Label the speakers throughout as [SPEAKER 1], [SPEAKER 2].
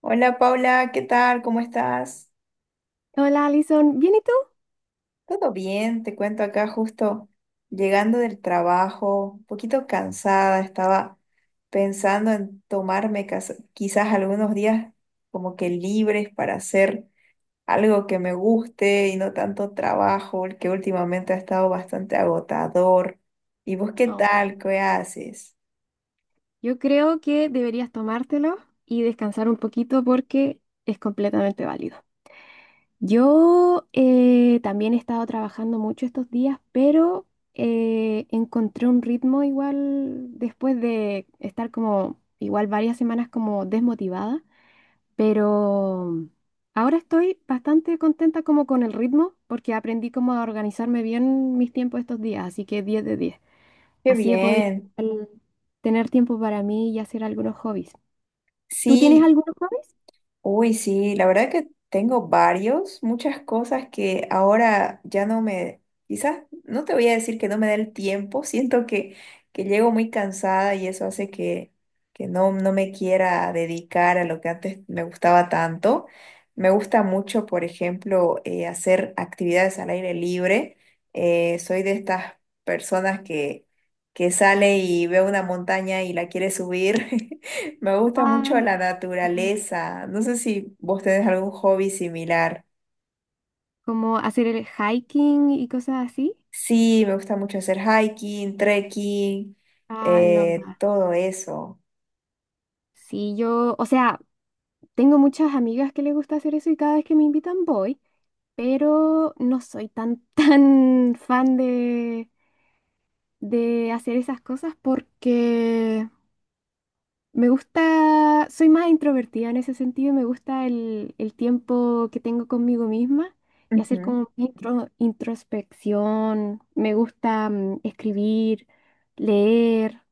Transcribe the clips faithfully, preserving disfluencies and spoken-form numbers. [SPEAKER 1] Hola Paula, ¿qué tal? ¿Cómo estás?
[SPEAKER 2] Hola, Alison, ¿bien y tú?
[SPEAKER 1] Todo bien, te cuento acá justo llegando del trabajo, un poquito cansada, estaba pensando en tomarme cas- quizás algunos días como que libres para hacer algo que me guste y no tanto trabajo, el que últimamente ha estado bastante agotador. ¿Y vos qué
[SPEAKER 2] Oh,
[SPEAKER 1] tal? ¿Qué haces?
[SPEAKER 2] yo creo que deberías tomártelo y descansar un poquito porque es completamente válido. Yo eh, también he estado trabajando mucho estos días, pero eh, encontré un ritmo igual después de estar como igual varias semanas como desmotivada, pero ahora estoy bastante contenta como con el ritmo porque aprendí como a organizarme bien mis tiempos estos días, así que diez de diez.
[SPEAKER 1] Qué
[SPEAKER 2] Así he podido
[SPEAKER 1] bien.
[SPEAKER 2] igual tener tiempo para mí y hacer algunos hobbies. ¿Tú tienes
[SPEAKER 1] Sí.
[SPEAKER 2] algunos hobbies?
[SPEAKER 1] Uy, sí, la verdad que tengo varios, muchas cosas que ahora ya no me, quizás no te voy a decir que no me da el tiempo, siento que, que llego muy cansada y eso hace que, que no, no me quiera dedicar a lo que antes me gustaba tanto. Me gusta mucho, por ejemplo, eh, hacer actividades al aire libre. Eh, soy de estas personas que, que sale y ve una montaña y la quiere subir. Me gusta mucho
[SPEAKER 2] Ay,
[SPEAKER 1] la
[SPEAKER 2] qué genial.
[SPEAKER 1] naturaleza. No sé si vos tenés algún hobby similar.
[SPEAKER 2] Como hacer el hiking y cosas así.
[SPEAKER 1] Sí, me gusta mucho hacer hiking, trekking,
[SPEAKER 2] I love
[SPEAKER 1] eh,
[SPEAKER 2] that.
[SPEAKER 1] todo eso.
[SPEAKER 2] Sí, yo, o sea, tengo muchas amigas que les gusta hacer eso y cada vez que me invitan voy, pero no soy tan, tan fan de, de hacer esas cosas porque me gusta, soy más introvertida en ese sentido, me gusta el, el tiempo que tengo conmigo misma y hacer
[SPEAKER 1] Ujú.
[SPEAKER 2] como intro- introspección, me gusta mm, escribir, leer,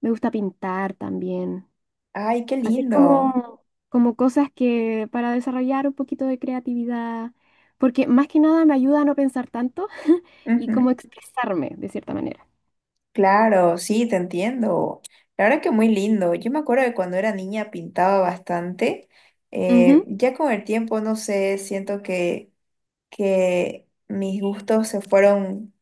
[SPEAKER 2] me gusta pintar también,
[SPEAKER 1] Ay, qué
[SPEAKER 2] hacer
[SPEAKER 1] lindo.
[SPEAKER 2] como, como cosas que para desarrollar un poquito de creatividad, porque más que nada me ayuda a no pensar tanto y como
[SPEAKER 1] Ujú.
[SPEAKER 2] expresarme de cierta manera.
[SPEAKER 1] Claro, sí, te entiendo. La verdad que muy lindo. Yo me acuerdo que cuando era niña pintaba bastante. Eh,
[SPEAKER 2] Ujú.
[SPEAKER 1] ya con el tiempo, no sé, siento que que mis gustos se fueron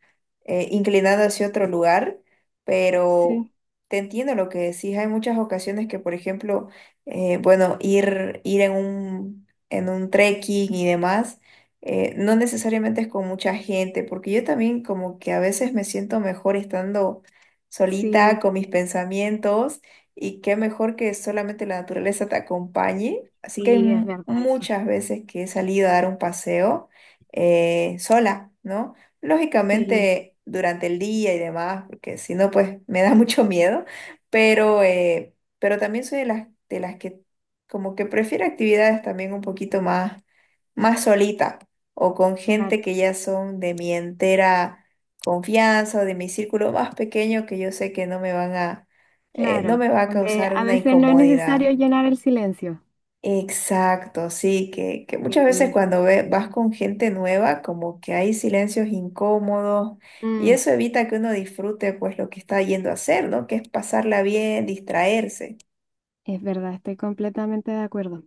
[SPEAKER 1] eh, inclinando hacia otro lugar, pero
[SPEAKER 2] Sí,
[SPEAKER 1] te entiendo lo que decís. Hay muchas ocasiones que, por ejemplo, eh, bueno, ir, ir en un, en un trekking y demás, eh, no necesariamente es con mucha gente, porque yo también como que a veces me siento mejor estando solita
[SPEAKER 2] sí,
[SPEAKER 1] con mis pensamientos. Y qué mejor que solamente la naturaleza te acompañe. Así que hay
[SPEAKER 2] sí, es
[SPEAKER 1] mu-
[SPEAKER 2] verdad eso.
[SPEAKER 1] muchas veces que he salido a dar un paseo eh, sola, ¿no?
[SPEAKER 2] Sí,
[SPEAKER 1] Lógicamente durante el día y demás, porque si no, pues me da mucho miedo, pero, eh, pero también soy de las, de las que como que prefiero actividades también un poquito más, más solita o con
[SPEAKER 2] claro.
[SPEAKER 1] gente que ya son de mi entera confianza o de mi círculo más pequeño que yo sé que no me van a, eh, no
[SPEAKER 2] Claro,
[SPEAKER 1] me va a
[SPEAKER 2] donde
[SPEAKER 1] causar
[SPEAKER 2] a
[SPEAKER 1] una
[SPEAKER 2] veces no es
[SPEAKER 1] incomodidad.
[SPEAKER 2] necesario llenar el silencio.
[SPEAKER 1] Exacto, sí, que, que muchas
[SPEAKER 2] Sí,
[SPEAKER 1] veces
[SPEAKER 2] es
[SPEAKER 1] cuando
[SPEAKER 2] verdad.
[SPEAKER 1] ve- vas con gente nueva, como que hay silencios incómodos y
[SPEAKER 2] Mm,
[SPEAKER 1] eso evita que uno disfrute pues lo que está yendo a hacer, ¿no? Que es pasarla bien, distraerse.
[SPEAKER 2] es verdad, estoy completamente de acuerdo.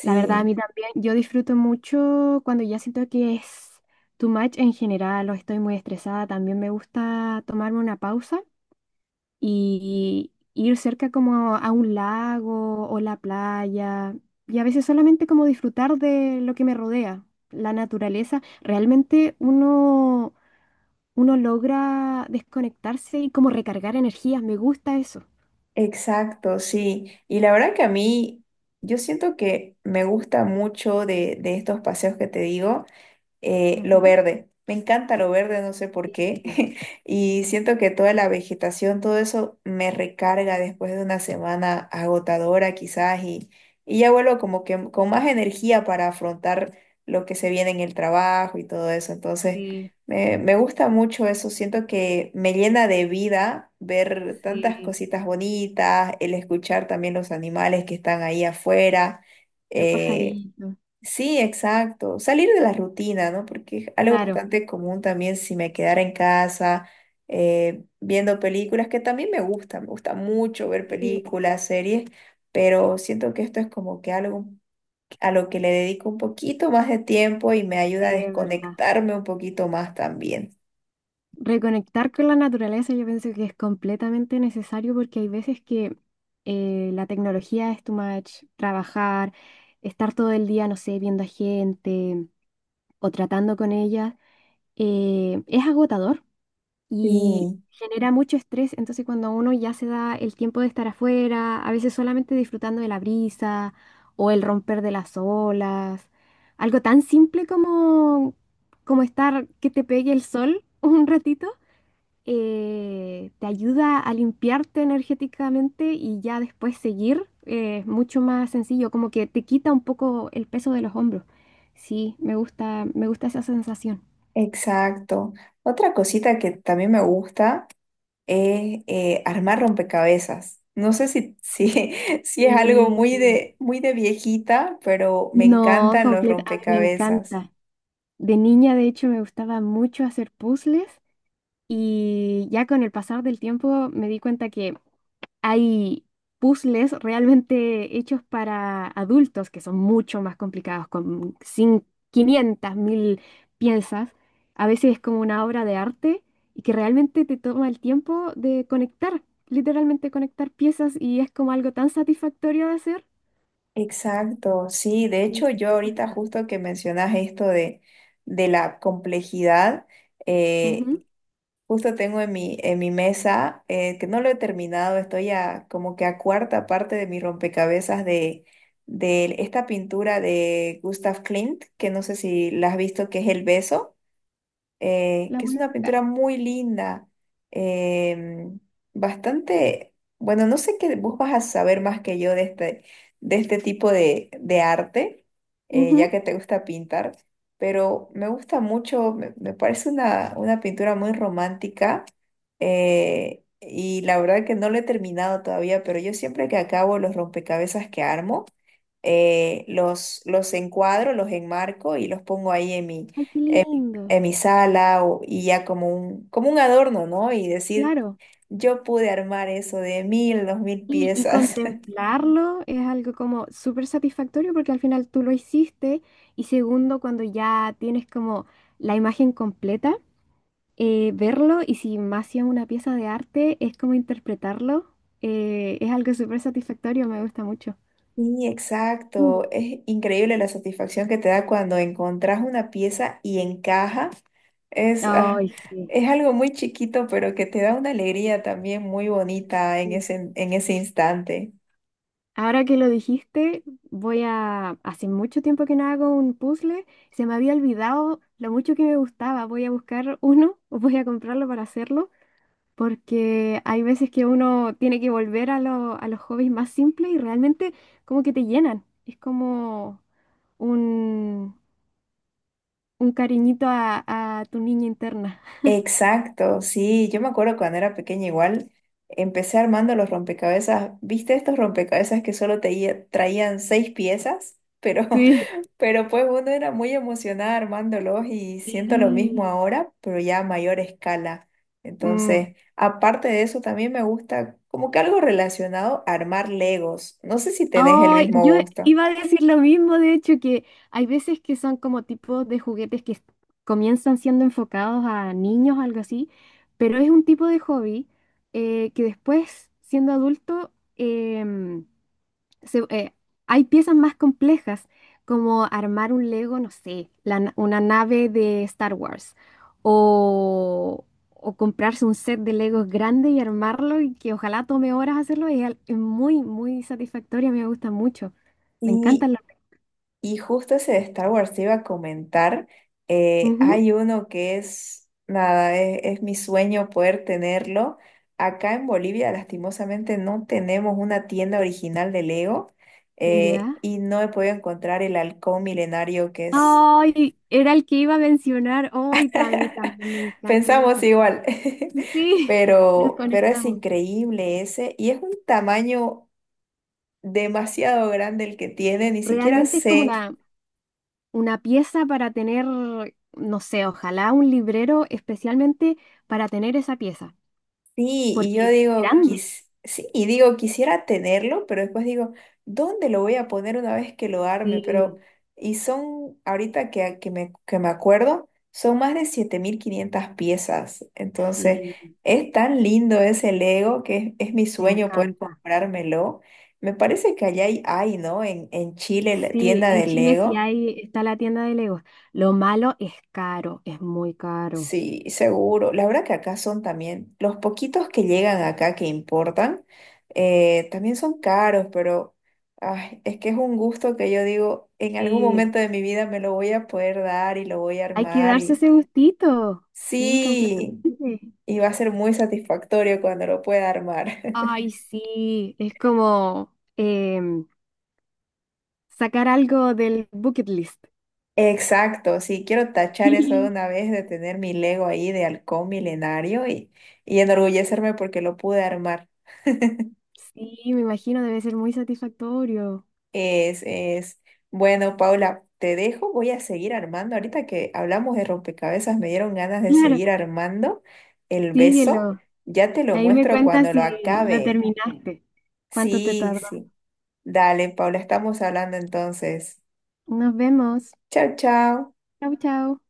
[SPEAKER 2] La verdad, a mí también, yo disfruto mucho cuando ya siento que es too much en general o estoy muy estresada. También me gusta tomarme una pausa y ir cerca como a un lago o la playa y a veces solamente como disfrutar de lo que me rodea, la naturaleza. Realmente uno uno logra desconectarse y como recargar energías. Me gusta eso.
[SPEAKER 1] exacto, sí. Y la verdad que a mí, yo siento que me gusta mucho de, de estos paseos que te digo. eh, lo
[SPEAKER 2] Ujú.
[SPEAKER 1] verde. Me encanta lo verde, no sé por qué.
[SPEAKER 2] Sí,
[SPEAKER 1] Y siento que toda la vegetación, todo eso me recarga después de una semana agotadora quizás y, y ya vuelvo como que con más energía para afrontar lo que se viene en el trabajo y todo eso. Entonces,
[SPEAKER 2] sí,
[SPEAKER 1] me, me gusta mucho eso. Siento que me llena de vida ver tantas
[SPEAKER 2] sí.
[SPEAKER 1] cositas bonitas, el escuchar también los animales que están ahí afuera.
[SPEAKER 2] Los
[SPEAKER 1] eh,
[SPEAKER 2] pajaritos.
[SPEAKER 1] Sí, exacto. Salir de la rutina, ¿no? Porque es algo
[SPEAKER 2] Claro.
[SPEAKER 1] bastante común también si me quedara en casa eh, viendo películas, que también me gusta, me gusta mucho ver
[SPEAKER 2] Sí,
[SPEAKER 1] películas, series, pero siento que esto es como que algo a lo que le dedico un poquito más de tiempo y me ayuda a
[SPEAKER 2] sí, es verdad.
[SPEAKER 1] desconectarme un poquito más también.
[SPEAKER 2] Reconectar con la naturaleza yo pienso que es completamente necesario porque hay veces que eh, la tecnología es too much, trabajar, estar todo el día, no sé, viendo a gente o tratando con ella, eh, es agotador y
[SPEAKER 1] Sí,
[SPEAKER 2] genera mucho estrés, entonces cuando uno ya se da el tiempo de estar afuera, a veces solamente disfrutando de la brisa o el romper de las olas, algo tan simple como, como estar que te pegue el sol un ratito, eh, te ayuda a limpiarte energéticamente y ya después seguir, eh, es mucho más sencillo, como que te quita un poco el peso de los hombros. Sí, me gusta, me gusta esa sensación.
[SPEAKER 1] exacto. Otra cosita que también me gusta es eh, armar rompecabezas. No sé si, si, si es algo muy de, muy de viejita, pero me
[SPEAKER 2] No,
[SPEAKER 1] encantan los
[SPEAKER 2] completa, a mí me
[SPEAKER 1] rompecabezas.
[SPEAKER 2] encanta. De niña, de hecho, me gustaba mucho hacer puzzles y ya con el pasar del tiempo me di cuenta que hay puzzles realmente hechos para adultos que son mucho más complicados, con cin- quinientas mil piezas. A veces es como una obra de arte y que realmente te toma el tiempo de conectar, literalmente conectar piezas y es como algo tan satisfactorio de hacer.
[SPEAKER 1] Exacto, sí. De hecho,
[SPEAKER 2] Sí,
[SPEAKER 1] yo
[SPEAKER 2] me
[SPEAKER 1] ahorita
[SPEAKER 2] gusta.
[SPEAKER 1] justo que mencionas esto de, de la complejidad, eh,
[SPEAKER 2] Ujú.
[SPEAKER 1] justo tengo en mi, en mi mesa, eh, que no lo he terminado, estoy a, como que a cuarta parte de mi rompecabezas de, de esta pintura de Gustav Klimt, que no sé si la has visto, que es El Beso. eh,
[SPEAKER 2] La
[SPEAKER 1] que es
[SPEAKER 2] voy a
[SPEAKER 1] una
[SPEAKER 2] buscar.
[SPEAKER 1] pintura muy linda, em, bastante, bueno, no sé qué, vos vas a saber más que yo de este, de este tipo de, de arte, eh, ya
[SPEAKER 2] Ujú.
[SPEAKER 1] que te gusta pintar, pero me gusta mucho, me, me parece una, una pintura muy romántica, eh, y la verdad que no lo he terminado todavía, pero yo siempre que acabo los rompecabezas que armo, eh, los, los encuadro, los enmarco y los pongo ahí
[SPEAKER 2] Ay, qué lindo.
[SPEAKER 1] en mi sala o- y ya como un, como un adorno, ¿no? Y decir,
[SPEAKER 2] Claro.
[SPEAKER 1] yo pude armar eso de mil, dos mil
[SPEAKER 2] Y, y
[SPEAKER 1] piezas.
[SPEAKER 2] contemplarlo es algo como súper satisfactorio porque al final tú lo hiciste y segundo, cuando ya tienes como la imagen completa, eh, verlo y si más si es una pieza de arte, es como interpretarlo, eh, es algo súper satisfactorio, me gusta mucho.
[SPEAKER 1] Sí, exacto. Es increíble la satisfacción que te da cuando encontrás una pieza y encaja. Es, ah,
[SPEAKER 2] Ay, sí.
[SPEAKER 1] es algo muy chiquito, pero que te da una alegría también muy bonita en ese, en ese instante.
[SPEAKER 2] Ahora que lo dijiste, voy a... Hace mucho tiempo que no hago un puzzle, se me había olvidado lo mucho que me gustaba, voy a buscar uno o voy a comprarlo para hacerlo, porque hay veces que uno tiene que volver a, lo- a los hobbies más simples y realmente como que te llenan. Es como un, un cariñito a, a tu niña interna.
[SPEAKER 1] Exacto, sí, yo me acuerdo cuando era pequeña igual, empecé armando los rompecabezas, ¿viste estos rompecabezas que solo te traían seis piezas? Pero,
[SPEAKER 2] Sí.
[SPEAKER 1] pero pues uno era muy emocionada armándolos y siento lo mismo
[SPEAKER 2] Sí.
[SPEAKER 1] ahora, pero ya a mayor escala.
[SPEAKER 2] Mm.
[SPEAKER 1] Entonces, aparte de eso, también me gusta como que algo relacionado a armar Legos. No sé si tenés el
[SPEAKER 2] Ay,
[SPEAKER 1] mismo
[SPEAKER 2] yo
[SPEAKER 1] gusto.
[SPEAKER 2] iba a decir lo mismo, de hecho, que hay veces que son como tipos de juguetes que comienzan siendo enfocados a niños, algo así, pero es un tipo de hobby eh, que después, siendo adulto, em, se- eh, hay piezas más complejas, como armar un Lego, no sé, la na- una nave de Star Wars, o, o comprarse un set de Legos grande y armarlo, y que ojalá tome horas hacerlo, y es, al- es muy, muy satisfactoria, me gusta mucho. Me
[SPEAKER 1] Sí.
[SPEAKER 2] encantan los...
[SPEAKER 1] Y justo ese de Star Wars te iba a comentar, eh, hay uno que es, nada, es, es mi sueño poder tenerlo. Acá en Bolivia, lastimosamente, no tenemos una tienda original de Lego
[SPEAKER 2] Ujú, ¿ya?
[SPEAKER 1] eh, y no he podido encontrar el halcón milenario que es,
[SPEAKER 2] Ay, era el que iba a mencionar. Ay, también, también me encanta
[SPEAKER 1] pensamos
[SPEAKER 2] ese.
[SPEAKER 1] igual,
[SPEAKER 2] Sí, nos
[SPEAKER 1] pero, pero es
[SPEAKER 2] conectamos.
[SPEAKER 1] increíble ese y es un tamaño demasiado grande el que tiene, ni siquiera
[SPEAKER 2] Realmente es como
[SPEAKER 1] sé.
[SPEAKER 2] la una pieza para tener, no sé, ojalá un librero especialmente para tener esa pieza,
[SPEAKER 1] Sí, y
[SPEAKER 2] porque
[SPEAKER 1] yo
[SPEAKER 2] es
[SPEAKER 1] digo,
[SPEAKER 2] grande.
[SPEAKER 1] quis- sí, y digo, quisiera tenerlo, pero después digo, ¿dónde lo voy a poner una vez que lo arme? Pero,
[SPEAKER 2] Sí,
[SPEAKER 1] y son, ahorita que, que me, que me acuerdo, son más de siete mil quinientas piezas. Entonces,
[SPEAKER 2] sí,
[SPEAKER 1] es tan lindo ese Lego que es, es mi
[SPEAKER 2] me
[SPEAKER 1] sueño poder
[SPEAKER 2] encanta.
[SPEAKER 1] comprármelo. Me parece que allá hay, hay, ¿no? En, en Chile, la
[SPEAKER 2] Sí,
[SPEAKER 1] tienda
[SPEAKER 2] en
[SPEAKER 1] de
[SPEAKER 2] Chile sí
[SPEAKER 1] Lego.
[SPEAKER 2] hay, está la tienda de Legos. Lo malo es caro, es muy caro.
[SPEAKER 1] Sí, seguro. La verdad que acá son también, los poquitos que llegan acá que importan, eh, también son caros, pero ay, es que es un gusto que yo digo, en algún
[SPEAKER 2] Sí,
[SPEAKER 1] momento de mi vida me lo voy a poder dar y lo voy a
[SPEAKER 2] hay que
[SPEAKER 1] armar
[SPEAKER 2] darse
[SPEAKER 1] y
[SPEAKER 2] ese gustito. Sí,
[SPEAKER 1] sí,
[SPEAKER 2] completamente.
[SPEAKER 1] y va a ser muy satisfactorio cuando lo pueda armar.
[SPEAKER 2] Ay, sí, es como em, sacar algo del bucket list.
[SPEAKER 1] Exacto, sí, quiero tachar eso de una vez de tener mi Lego ahí de halcón milenario y, y enorgullecerme porque lo pude armar.
[SPEAKER 2] Sí, me imagino, debe ser muy satisfactorio.
[SPEAKER 1] Es, es. Bueno, Paula, te dejo. Voy a seguir armando. Ahorita que hablamos de rompecabezas, me dieron ganas de
[SPEAKER 2] Claro,
[SPEAKER 1] seguir armando el beso.
[SPEAKER 2] síguelo.
[SPEAKER 1] Ya te lo
[SPEAKER 2] Ahí me
[SPEAKER 1] muestro
[SPEAKER 2] cuentas
[SPEAKER 1] cuando lo
[SPEAKER 2] si la
[SPEAKER 1] acabe.
[SPEAKER 2] terminaste. ¿Cuánto te
[SPEAKER 1] Sí,
[SPEAKER 2] tardó?
[SPEAKER 1] sí. Dale, Paula, estamos hablando entonces.
[SPEAKER 2] Nos vemos.
[SPEAKER 1] Chao, chao.
[SPEAKER 2] Chau, chau.